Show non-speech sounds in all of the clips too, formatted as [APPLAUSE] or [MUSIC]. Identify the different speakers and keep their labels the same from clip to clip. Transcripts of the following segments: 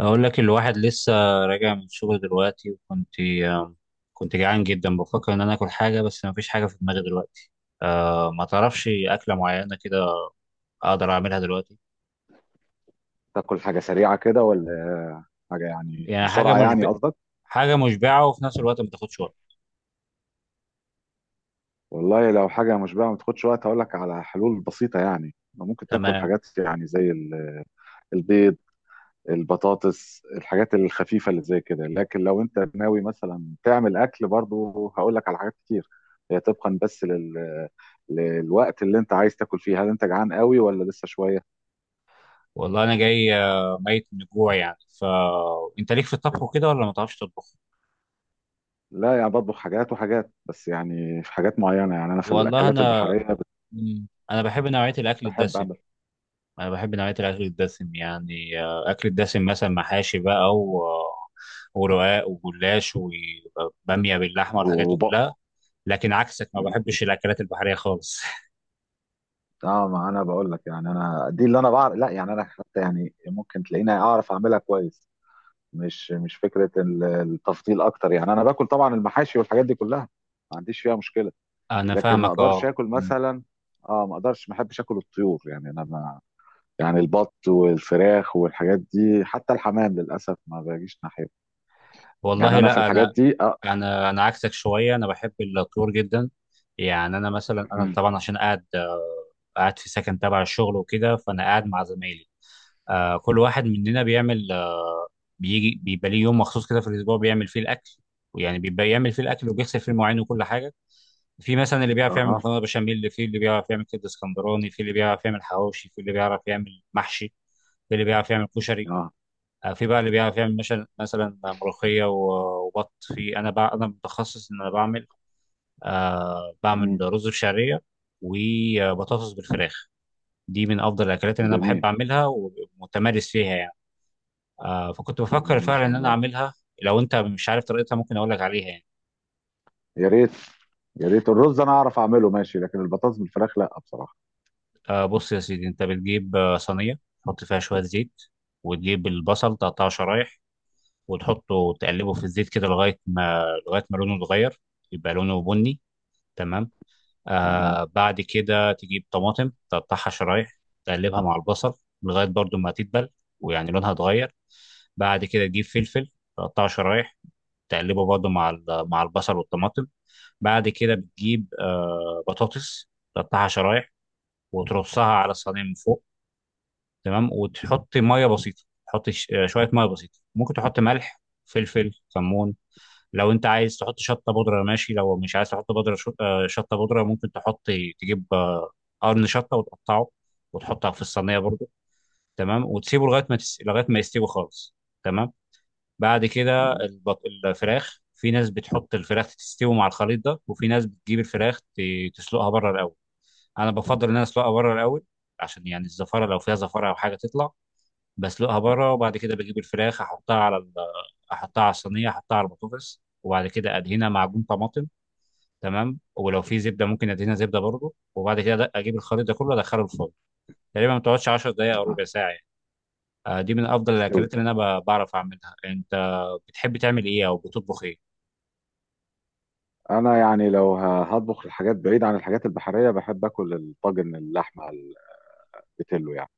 Speaker 1: أقول لك الواحد لسه راجع من الشغل دلوقتي، وكنت كنت جعان جدا، بفكر إن أنا آكل حاجة بس مفيش حاجة في دماغي دلوقتي. أه، ما تعرفش أكلة معينة كده أقدر أعملها دلوقتي؟
Speaker 2: تاكل حاجة سريعة كده ولا حاجة، يعني
Speaker 1: يعني
Speaker 2: بسرعة يعني قصدك؟
Speaker 1: حاجة مشبعة وفي نفس الوقت ما تاخدش وقت.
Speaker 2: والله لو حاجة مشبعة ما تاخدش وقت هقول لك على حلول بسيطة، يعني ممكن تاكل
Speaker 1: تمام.
Speaker 2: حاجات يعني البيض، البطاطس، الحاجات الخفيفة اللي زي كده. لكن لو انت ناوي مثلا تعمل اكل، برضو هقول لك على حاجات كتير. هي طبقا للوقت اللي انت عايز تاكل فيه. هل انت جعان قوي ولا لسه شوية؟
Speaker 1: والله أنا جاي، ميت من الجوع يعني، فأنت ليك في الطبخ وكده ولا ما تعرفش تطبخ؟
Speaker 2: لا يعني بطبخ حاجات وحاجات، بس يعني في حاجات معينة، يعني انا في
Speaker 1: والله
Speaker 2: الاكلات
Speaker 1: أنا،
Speaker 2: البحرية
Speaker 1: أنا بحب نوعية
Speaker 2: بحب
Speaker 1: الأكل
Speaker 2: بحب
Speaker 1: الدسم،
Speaker 2: اعمل
Speaker 1: انا بحب نوعيه الاكل الدسم يعني اكل الدسم مثلا محاشي بقى، ورقاق وجلاش وباميه باللحمه والحاجات دي
Speaker 2: وب-
Speaker 1: كلها، لكن عكسك ما بحبش الاكلات البحريه خالص.
Speaker 2: اه. ما انا بقول لك، يعني انا دي اللي انا بعرف، لا يعني انا حتى يعني ممكن تلاقيني اعرف اعملها كويس. مش فكره التفضيل اكتر، يعني انا باكل طبعا المحاشي والحاجات دي كلها، ما عنديش فيها مشكله.
Speaker 1: [LAUGHS] انا
Speaker 2: لكن ما
Speaker 1: فاهمك اه.
Speaker 2: اقدرش اكل
Speaker 1: مم.
Speaker 2: مثلا، اه ما اقدرش، ما احبش اكل الطيور. يعني انا ما يعني البط والفراخ والحاجات دي، حتى الحمام للاسف ما باجيش ناحيه. يعني
Speaker 1: والله
Speaker 2: انا في
Speaker 1: لا،
Speaker 2: الحاجات
Speaker 1: انا
Speaker 2: دي اه.
Speaker 1: انا عكسك شويه، انا بحب الطيور جدا يعني. انا مثلا، انا
Speaker 2: مهم.
Speaker 1: طبعا عشان قاعد، قاعد في سكن تبع الشغل وكده، فانا قاعد مع زمايلي. كل واحد مننا بيعمل، بيجي بيبقى ليه يوم مخصوص كده في الاسبوع بيعمل فيه الاكل، ويعني بيبقى يعمل فيه الاكل وبيغسل فيه المواعين وكل حاجه. في مثلا اللي بيعرف يعمل
Speaker 2: اها.
Speaker 1: مكرونه بشاميل، اللي في اللي بيعرف يعمل كبده اسكندراني، في اللي بيعرف يعمل حواوشي، في اللي بيعرف يعمل محشي، في اللي بيعرف يعمل كشري،
Speaker 2: اه.
Speaker 1: في بقى اللي بيعرف يعمل مثلا ملوخيه وبط، في انا بقى انا متخصص ان انا بعمل، بعمل
Speaker 2: مهم.
Speaker 1: رز بشعريه وبطاطس بالفراخ. دي من افضل الاكلات اللي انا بحب
Speaker 2: جميل.
Speaker 1: اعملها ومتمارس فيها يعني. فكنت بفكر
Speaker 2: مهم. ما
Speaker 1: فعلا
Speaker 2: شاء
Speaker 1: ان انا
Speaker 2: الله.
Speaker 1: اعملها. لو انت مش عارف طريقتها ممكن اقول لك عليها يعني.
Speaker 2: يا ريت. يا ريت الرز انا اعرف اعمله ماشي، لكن البطاطس بالفراخ لا بصراحه.
Speaker 1: بص يا سيدي، انت بتجيب صينيه تحط فيها شويه زيت، وتجيب البصل تقطعه شرايح، وتحطه تقلبه في الزيت كده، لغايه ما لونه يتغير، يبقى لونه بني. تمام.
Speaker 2: تمام.
Speaker 1: بعد كده تجيب طماطم تقطعها شرايح، تقلبها مع البصل لغايه برضو ما تدبل ويعني لونها اتغير. بعد كده تجيب فلفل، تقطعه شرايح، تقلبه برضه مع البصل والطماطم. بعد كده بتجيب بطاطس تقطعها شرايح وترصها على الصينيه من فوق. تمام. وتحط ميه بسيطه، تحط شويه ميه بسيطه، ممكن تحط ملح فلفل كمون. لو انت عايز تحط شطه بودره ماشي، لو مش عايز تحط بودره شطه بودره ممكن تحط، تجيب قرن شطه وتقطعه وتحطها في الصينيه برضه. تمام. وتسيبه لغايه ما يستوي خالص. تمام. بعد كده
Speaker 2: مم.
Speaker 1: الفراخ، في ناس بتحط الفراخ تستوي مع الخليط ده، وفي ناس بتجيب الفراخ تسلقها بره الاول. انا بفضل ان انا اسلقها بره الاول عشان يعني الزفاره، لو فيها زفاره او حاجه تطلع، بسلقها بره، وبعد كده بجيب الفراخ احطها على الصينيه، احطها على البطاطس، وبعد كده ادهنها معجون طماطم. تمام. ولو في زبده ممكن ادهنها
Speaker 2: تمام.
Speaker 1: زبده برضه، وبعد كده اجيب الخليط ده كله ادخله الفرن. تقريبا ما بتقعدش 10 دقائق او
Speaker 2: آه،
Speaker 1: ربع ساعه يعني. دي من افضل
Speaker 2: استوي.
Speaker 1: الاكلات اللي انا بعرف اعملها. انت بتحب تعمل ايه او بتطبخ ايه؟
Speaker 2: انا يعني لو هطبخ الحاجات بعيد عن الحاجات البحريه، بحب اكل الطاجن اللحمه، البتلو يعني.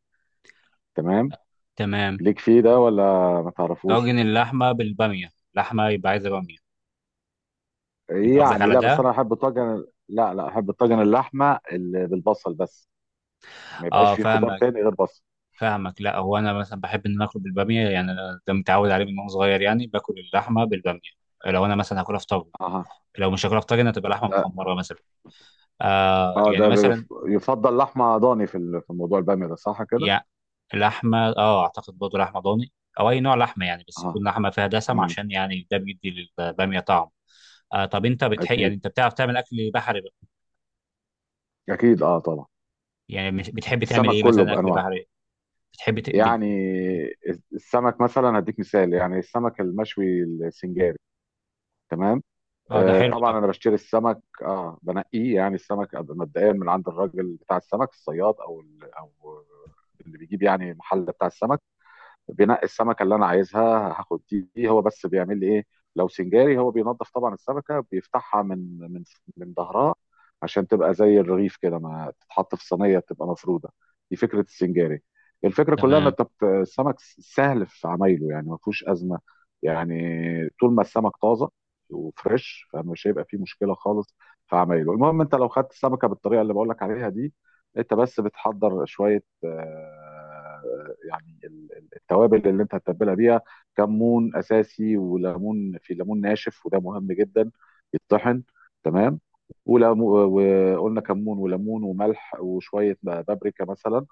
Speaker 2: تمام.
Speaker 1: تمام.
Speaker 2: ليك فيه ده ولا ما تعرفوش؟
Speaker 1: طاجن اللحمه بالباميه، لحمه يبقى عايزه باميه. انت قصدك
Speaker 2: يعني
Speaker 1: على
Speaker 2: لا، بس
Speaker 1: ده؟
Speaker 2: انا احب الطاجن، لا لا، احب الطاجن اللحمه اللي بالبصل بس، ما يبقاش
Speaker 1: اه
Speaker 2: فيه خضار
Speaker 1: فاهمك،
Speaker 2: تاني غير بصل.
Speaker 1: فاهمك. لا، هو انا مثلا بحب ان انا اكل بالباميه يعني، انا ده متعود عليه من وانا صغير، يعني باكل اللحمه بالباميه. لو انا مثلا هاكلها في طاجن،
Speaker 2: اها.
Speaker 1: لو مش هاكلها في طاجن هتبقى لحمه
Speaker 2: ده
Speaker 1: محمره مثلا.
Speaker 2: اه،
Speaker 1: يعني
Speaker 2: ده
Speaker 1: مثلا.
Speaker 2: يفضل لحمه ضاني في في موضوع الباميه ده، صح كده؟
Speaker 1: يعني لحمه، اه اعتقد برضه لحمه ضاني، او اي نوع لحمه يعني، بس
Speaker 2: اه.
Speaker 1: يكون لحمه فيها دسم
Speaker 2: امم
Speaker 1: عشان يعني ده بيدي للباميه طعم. طب انت بتحب يعني،
Speaker 2: اكيد،
Speaker 1: انت بتعرف تعمل اكل بحري بقى؟
Speaker 2: اكيد اه طبعا.
Speaker 1: يعني بتحب تعمل
Speaker 2: السمك
Speaker 1: ايه
Speaker 2: كله
Speaker 1: مثلا اكل
Speaker 2: بانواعه.
Speaker 1: بحري؟ بتحبي ت- بت...
Speaker 2: يعني
Speaker 1: مم.
Speaker 2: السمك مثلا هديك مثال، يعني السمك المشوي السنجاري. تمام.
Speaker 1: اه ده
Speaker 2: آه
Speaker 1: حلو ده.
Speaker 2: طبعا انا بشتري السمك، اه بنقيه يعني السمك مبدئيا من عند الراجل بتاع السمك، الصياد، او او اللي بيجيب يعني المحل بتاع السمك. بنقي السمكه اللي انا عايزها. هاخد دي. هو بس بيعمل لي ايه؟ لو سنجاري، هو بينظف طبعا السمكه، بيفتحها من ظهرها، عشان تبقى زي الرغيف كده، ما تتحط في صينيه تبقى مفروده. دي فكره السنجاري. الفكره كلها ان
Speaker 1: تمام.
Speaker 2: السمك سهل في عمايله، يعني ما فيهوش ازمه. يعني طول ما السمك طازه وفريش، فمش هيبقى فيه مشكله خالص في عمايله. المهم انت لو خدت السمكه بالطريقه اللي بقول لك عليها دي، انت بس بتحضر شويه يعني التوابل اللي انت هتتبلها بيها. كمون اساسي وليمون، في ليمون ناشف وده مهم جدا، يتطحن. تمام. وقلنا كمون وليمون وملح وشويه بابريكا مثلا،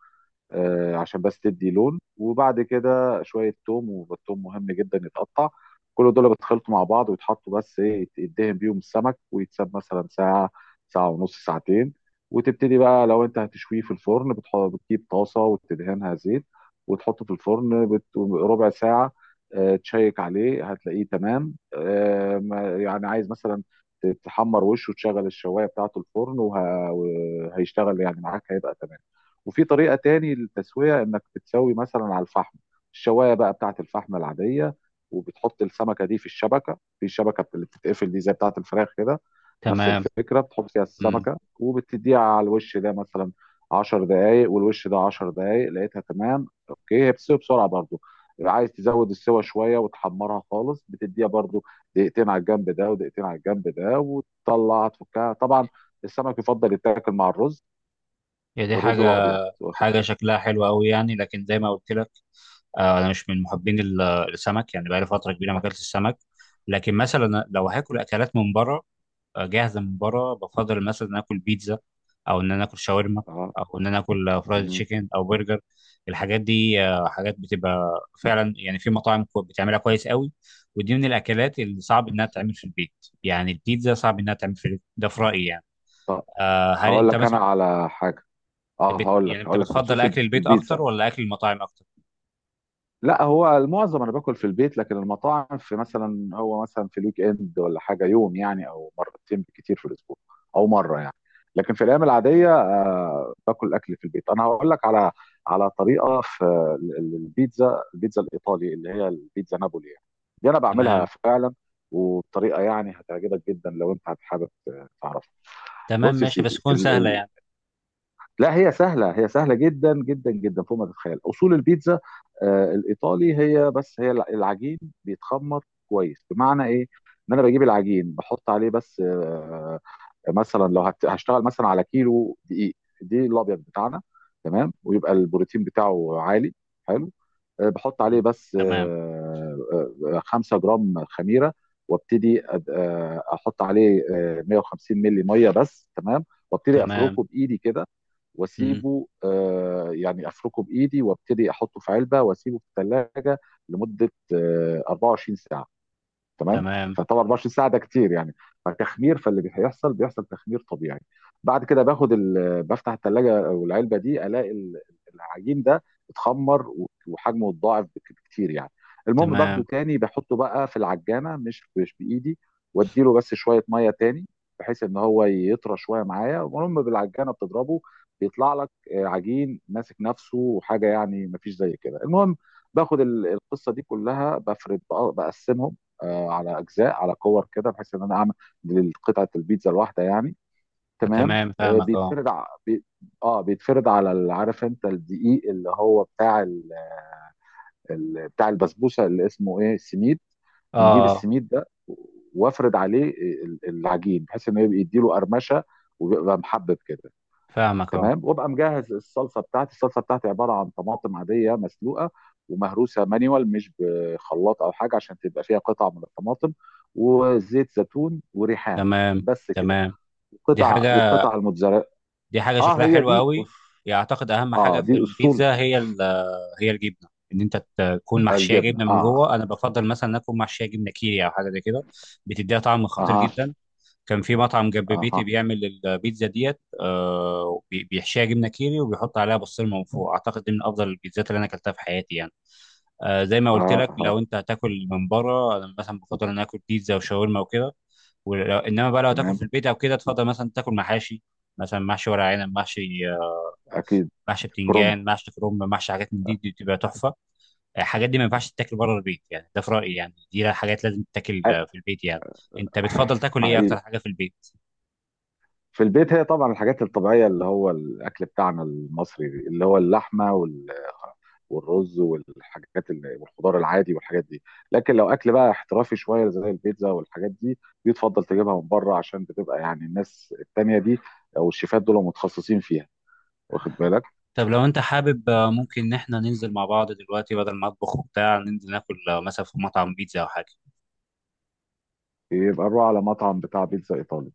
Speaker 2: عشان بس تدي لون. وبعد كده شوية توم، والثوم مهم جدا يتقطع. كل دول بيتخلطوا مع بعض ويتحطوا، بس ايه، يدهن بيهم السمك، ويتساب مثلا ساعة، ساعة ونص، ساعتين. وتبتدي بقى لو انت هتشويه في الفرن، بتجيب طاسة وتدهنها زيت، وتحطه في الفرن ربع ساعة. تشيك عليه هتلاقيه تمام. يعني عايز مثلا تحمر وشه، وتشغل الشواية بتاعته الفرن، وهيشتغل يعني معاك، هيبقى تمام. وفي طريقة تاني للتسوية، انك بتسوي مثلا على الفحم، الشواية بقى بتاعت الفحم العادية، وبتحط السمكة دي في الشبكة، في شبكة اللي بتتقفل دي زي بتاعت الفراخ كده. نفس
Speaker 1: تمام.
Speaker 2: الفكرة، بتحط فيها
Speaker 1: امم.
Speaker 2: السمكة وبتديها على الوش ده مثلا 10 دقايق، والوش ده 10 دقايق، لقيتها تمام اوكي. هي بتستوي بسرعة برضو. عايز تزود السوا شوية وتحمرها خالص، بتديها برضو دقيقتين على الجنب ده ودقيقتين على الجنب ده، وتطلع تفكها طبعا. السمك يفضل يتاكل مع الرز،
Speaker 1: هي دي
Speaker 2: الرز
Speaker 1: حاجة،
Speaker 2: الابيض، واخد.
Speaker 1: حاجة شكلها حلو قوي يعني. لكن زي ما قلت لك، انا مش من محبين السمك يعني، بقالي فترة كبيرة ما
Speaker 2: صح.
Speaker 1: اكلتش السمك. لكن مثلا لو هاكل اكلات من بره، جاهزه من بره، بفضل مثلا إن اكل بيتزا، او ان انا اكل شاورما،
Speaker 2: اه.
Speaker 1: او ان انا اكل فرايد
Speaker 2: مم.
Speaker 1: تشيكن او برجر. الحاجات دي حاجات بتبقى فعلا يعني في مطاعم بتعملها كويس قوي، ودي من الاكلات اللي صعب انها تتعمل في البيت. يعني البيتزا صعب انها تتعمل في البيت، ده في رايي يعني.
Speaker 2: طب
Speaker 1: هل
Speaker 2: هقول
Speaker 1: انت
Speaker 2: لك انا
Speaker 1: مثلا،
Speaker 2: على حاجه، اه
Speaker 1: بت
Speaker 2: هقول لك،
Speaker 1: يعني انت
Speaker 2: هقول لك
Speaker 1: بتفضل
Speaker 2: بخصوص
Speaker 1: اكل البيت
Speaker 2: البيتزا.
Speaker 1: اكتر ولا اكل المطاعم اكتر؟
Speaker 2: لا هو المعظم انا باكل في البيت، لكن المطاعم في مثلا، هو مثلا في الويك اند ولا حاجه، يوم يعني او مرتين بالكتير في الاسبوع، او مره يعني. لكن في الايام العاديه آه باكل اكل في البيت. انا هقول لك على على طريقه في البيتزا، البيتزا الايطالي اللي هي البيتزا نابولي يعني، دي انا بعملها
Speaker 1: تمام.
Speaker 2: فعلا، وبطريقه يعني هتعجبك جدا لو انت حابب تعرفها.
Speaker 1: تمام
Speaker 2: بص يا
Speaker 1: ماشي، بس
Speaker 2: سيدي،
Speaker 1: تكون سهله يعني.
Speaker 2: لا هي سهلة، هي سهلة جدا جدا جدا، فوق ما تتخيل. أصول البيتزا الإيطالي، هي بس هي العجين بيتخمر كويس. بمعنى إيه؟ إن أنا بجيب العجين، بحط عليه بس مثلا لو هشتغل مثلا على كيلو دقيق، دي الأبيض بتاعنا، تمام، ويبقى البروتين بتاعه عالي. حلو. بحط عليه
Speaker 1: مم.
Speaker 2: بس
Speaker 1: تمام.
Speaker 2: 5 جرام خميرة، وابتدي احط عليه 150 ملي ميه بس. تمام. وابتدي
Speaker 1: تمام.
Speaker 2: افركه بايدي كده،
Speaker 1: مم.
Speaker 2: واسيبه يعني افركه بايدي، وابتدي احطه في علبه، واسيبه في الثلاجه لمده 24 ساعه. تمام.
Speaker 1: تمام.
Speaker 2: فطبعا 24 ساعه ده كتير يعني، فتخمير، فاللي بيحصل تخمير طبيعي. بعد كده باخد بفتح الثلاجه او العلبه دي، الاقي العجين ده اتخمر وحجمه اتضاعف بكتير يعني. المهم باخده
Speaker 1: تمام.
Speaker 2: تاني بحطه بقى في العجانه، مش بايدي، واديله بس شويه ميه تاني، بحيث ان هو يطرى شويه معايا. المهم بالعجانه بتضربه، بيطلع لك عجين ماسك نفسه وحاجه يعني، مفيش زي كده. المهم باخد القصه دي كلها، بفرد بقسمهم على اجزاء على كور كده، بحيث ان انا اعمل قطعه البيتزا الواحده يعني. تمام.
Speaker 1: تمام
Speaker 2: آه،
Speaker 1: فاهمك اه.
Speaker 2: بيتفرد ع... بي... اه بيتفرد على عارف انت الدقيق اللي هو بتاع بتاع البسبوسه اللي اسمه ايه، السميد.
Speaker 1: اه.
Speaker 2: بنجيب
Speaker 1: آه.
Speaker 2: السميد ده، وافرد عليه العجين، بحيث انه يبقى يديله قرمشه، وبيبقى محبب كده.
Speaker 1: فاهمك اه.
Speaker 2: تمام. وابقى مجهز الصلصه بتاعتي. الصلصه بتاعتي عباره عن طماطم عاديه مسلوقه ومهروسه مانيوال، مش بخلاط او حاجه، عشان تبقى فيها قطع من الطماطم، وزيت زيتون وريحان.
Speaker 1: تمام.
Speaker 2: بس كده.
Speaker 1: تمام. دي
Speaker 2: وقطع
Speaker 1: حاجة،
Speaker 2: وقطع الموتزاريلا.
Speaker 1: دي حاجة
Speaker 2: اه
Speaker 1: شكلها
Speaker 2: هي
Speaker 1: حلو
Speaker 2: دي
Speaker 1: قوي يعني. اعتقد اهم
Speaker 2: اه
Speaker 1: حاجة
Speaker 2: دي
Speaker 1: في
Speaker 2: اصول.
Speaker 1: البيتزا هي هي الجبنة، ان انت تكون محشية
Speaker 2: الجبنه
Speaker 1: جبنة من
Speaker 2: اه.
Speaker 1: جوه. انا بفضل مثلا اكون محشية جبنة كيري او حاجة زي كده، بتديها طعم خطير
Speaker 2: اها.
Speaker 1: جدا. كان في مطعم جنب بيتي
Speaker 2: اها.
Speaker 1: بيعمل البيتزا ديت، بيحشيها جبنة كيري وبيحط عليها بسطرمة من فوق، اعتقد دي من افضل البيتزات اللي انا اكلتها في حياتي يعني. زي ما قلت لك،
Speaker 2: اها.
Speaker 1: لو انت هتاكل من بره انا مثلا بفضل ان أنا اكل بيتزا وشاورما وكده. ولو انما بقى لو تاكل
Speaker 2: تمام.
Speaker 1: في البيت او كده، تفضل مثلا تاكل محاشي، مثلا محشي ورق عنب، محشي آه،
Speaker 2: اكيد.
Speaker 1: محشي
Speaker 2: كرنب.
Speaker 1: بتنجان، محشي كرنب، محشي حاجات من دي, دي بتبقى تحفه. الحاجات دي ما ينفعش تتاكل بره البيت يعني، ده في رايي يعني، دي حاجات لازم تتاكل
Speaker 2: آه.
Speaker 1: في البيت يعني. انت بتفضل تاكل ايه اكتر
Speaker 2: حقيقي.
Speaker 1: حاجه في البيت؟
Speaker 2: في البيت هي طبعا الحاجات الطبيعية، اللي هو الأكل بتاعنا المصري، اللي هو اللحمة والرز والحاجات والخضار العادي والحاجات دي. لكن لو أكل بقى احترافي شوية زي البيتزا والحاجات دي، بيتفضل تجيبها من بره، عشان بتبقى يعني الناس التانية دي أو الشيفات دول متخصصين فيها، واخد بالك.
Speaker 1: طب لو انت حابب، ممكن ان احنا ننزل مع بعض دلوقتي بدل ما اطبخ وبتاع، ننزل ناكل مثلا في مطعم بيتزا او حاجه.
Speaker 2: يبقى روح على مطعم بتاع بيتزا إيطالي،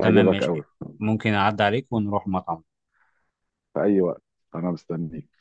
Speaker 1: تمام ماشي،
Speaker 2: قوي.
Speaker 1: ممكن اعدي عليك ونروح مطعم.
Speaker 2: في أي وقت. أنا مستنيك.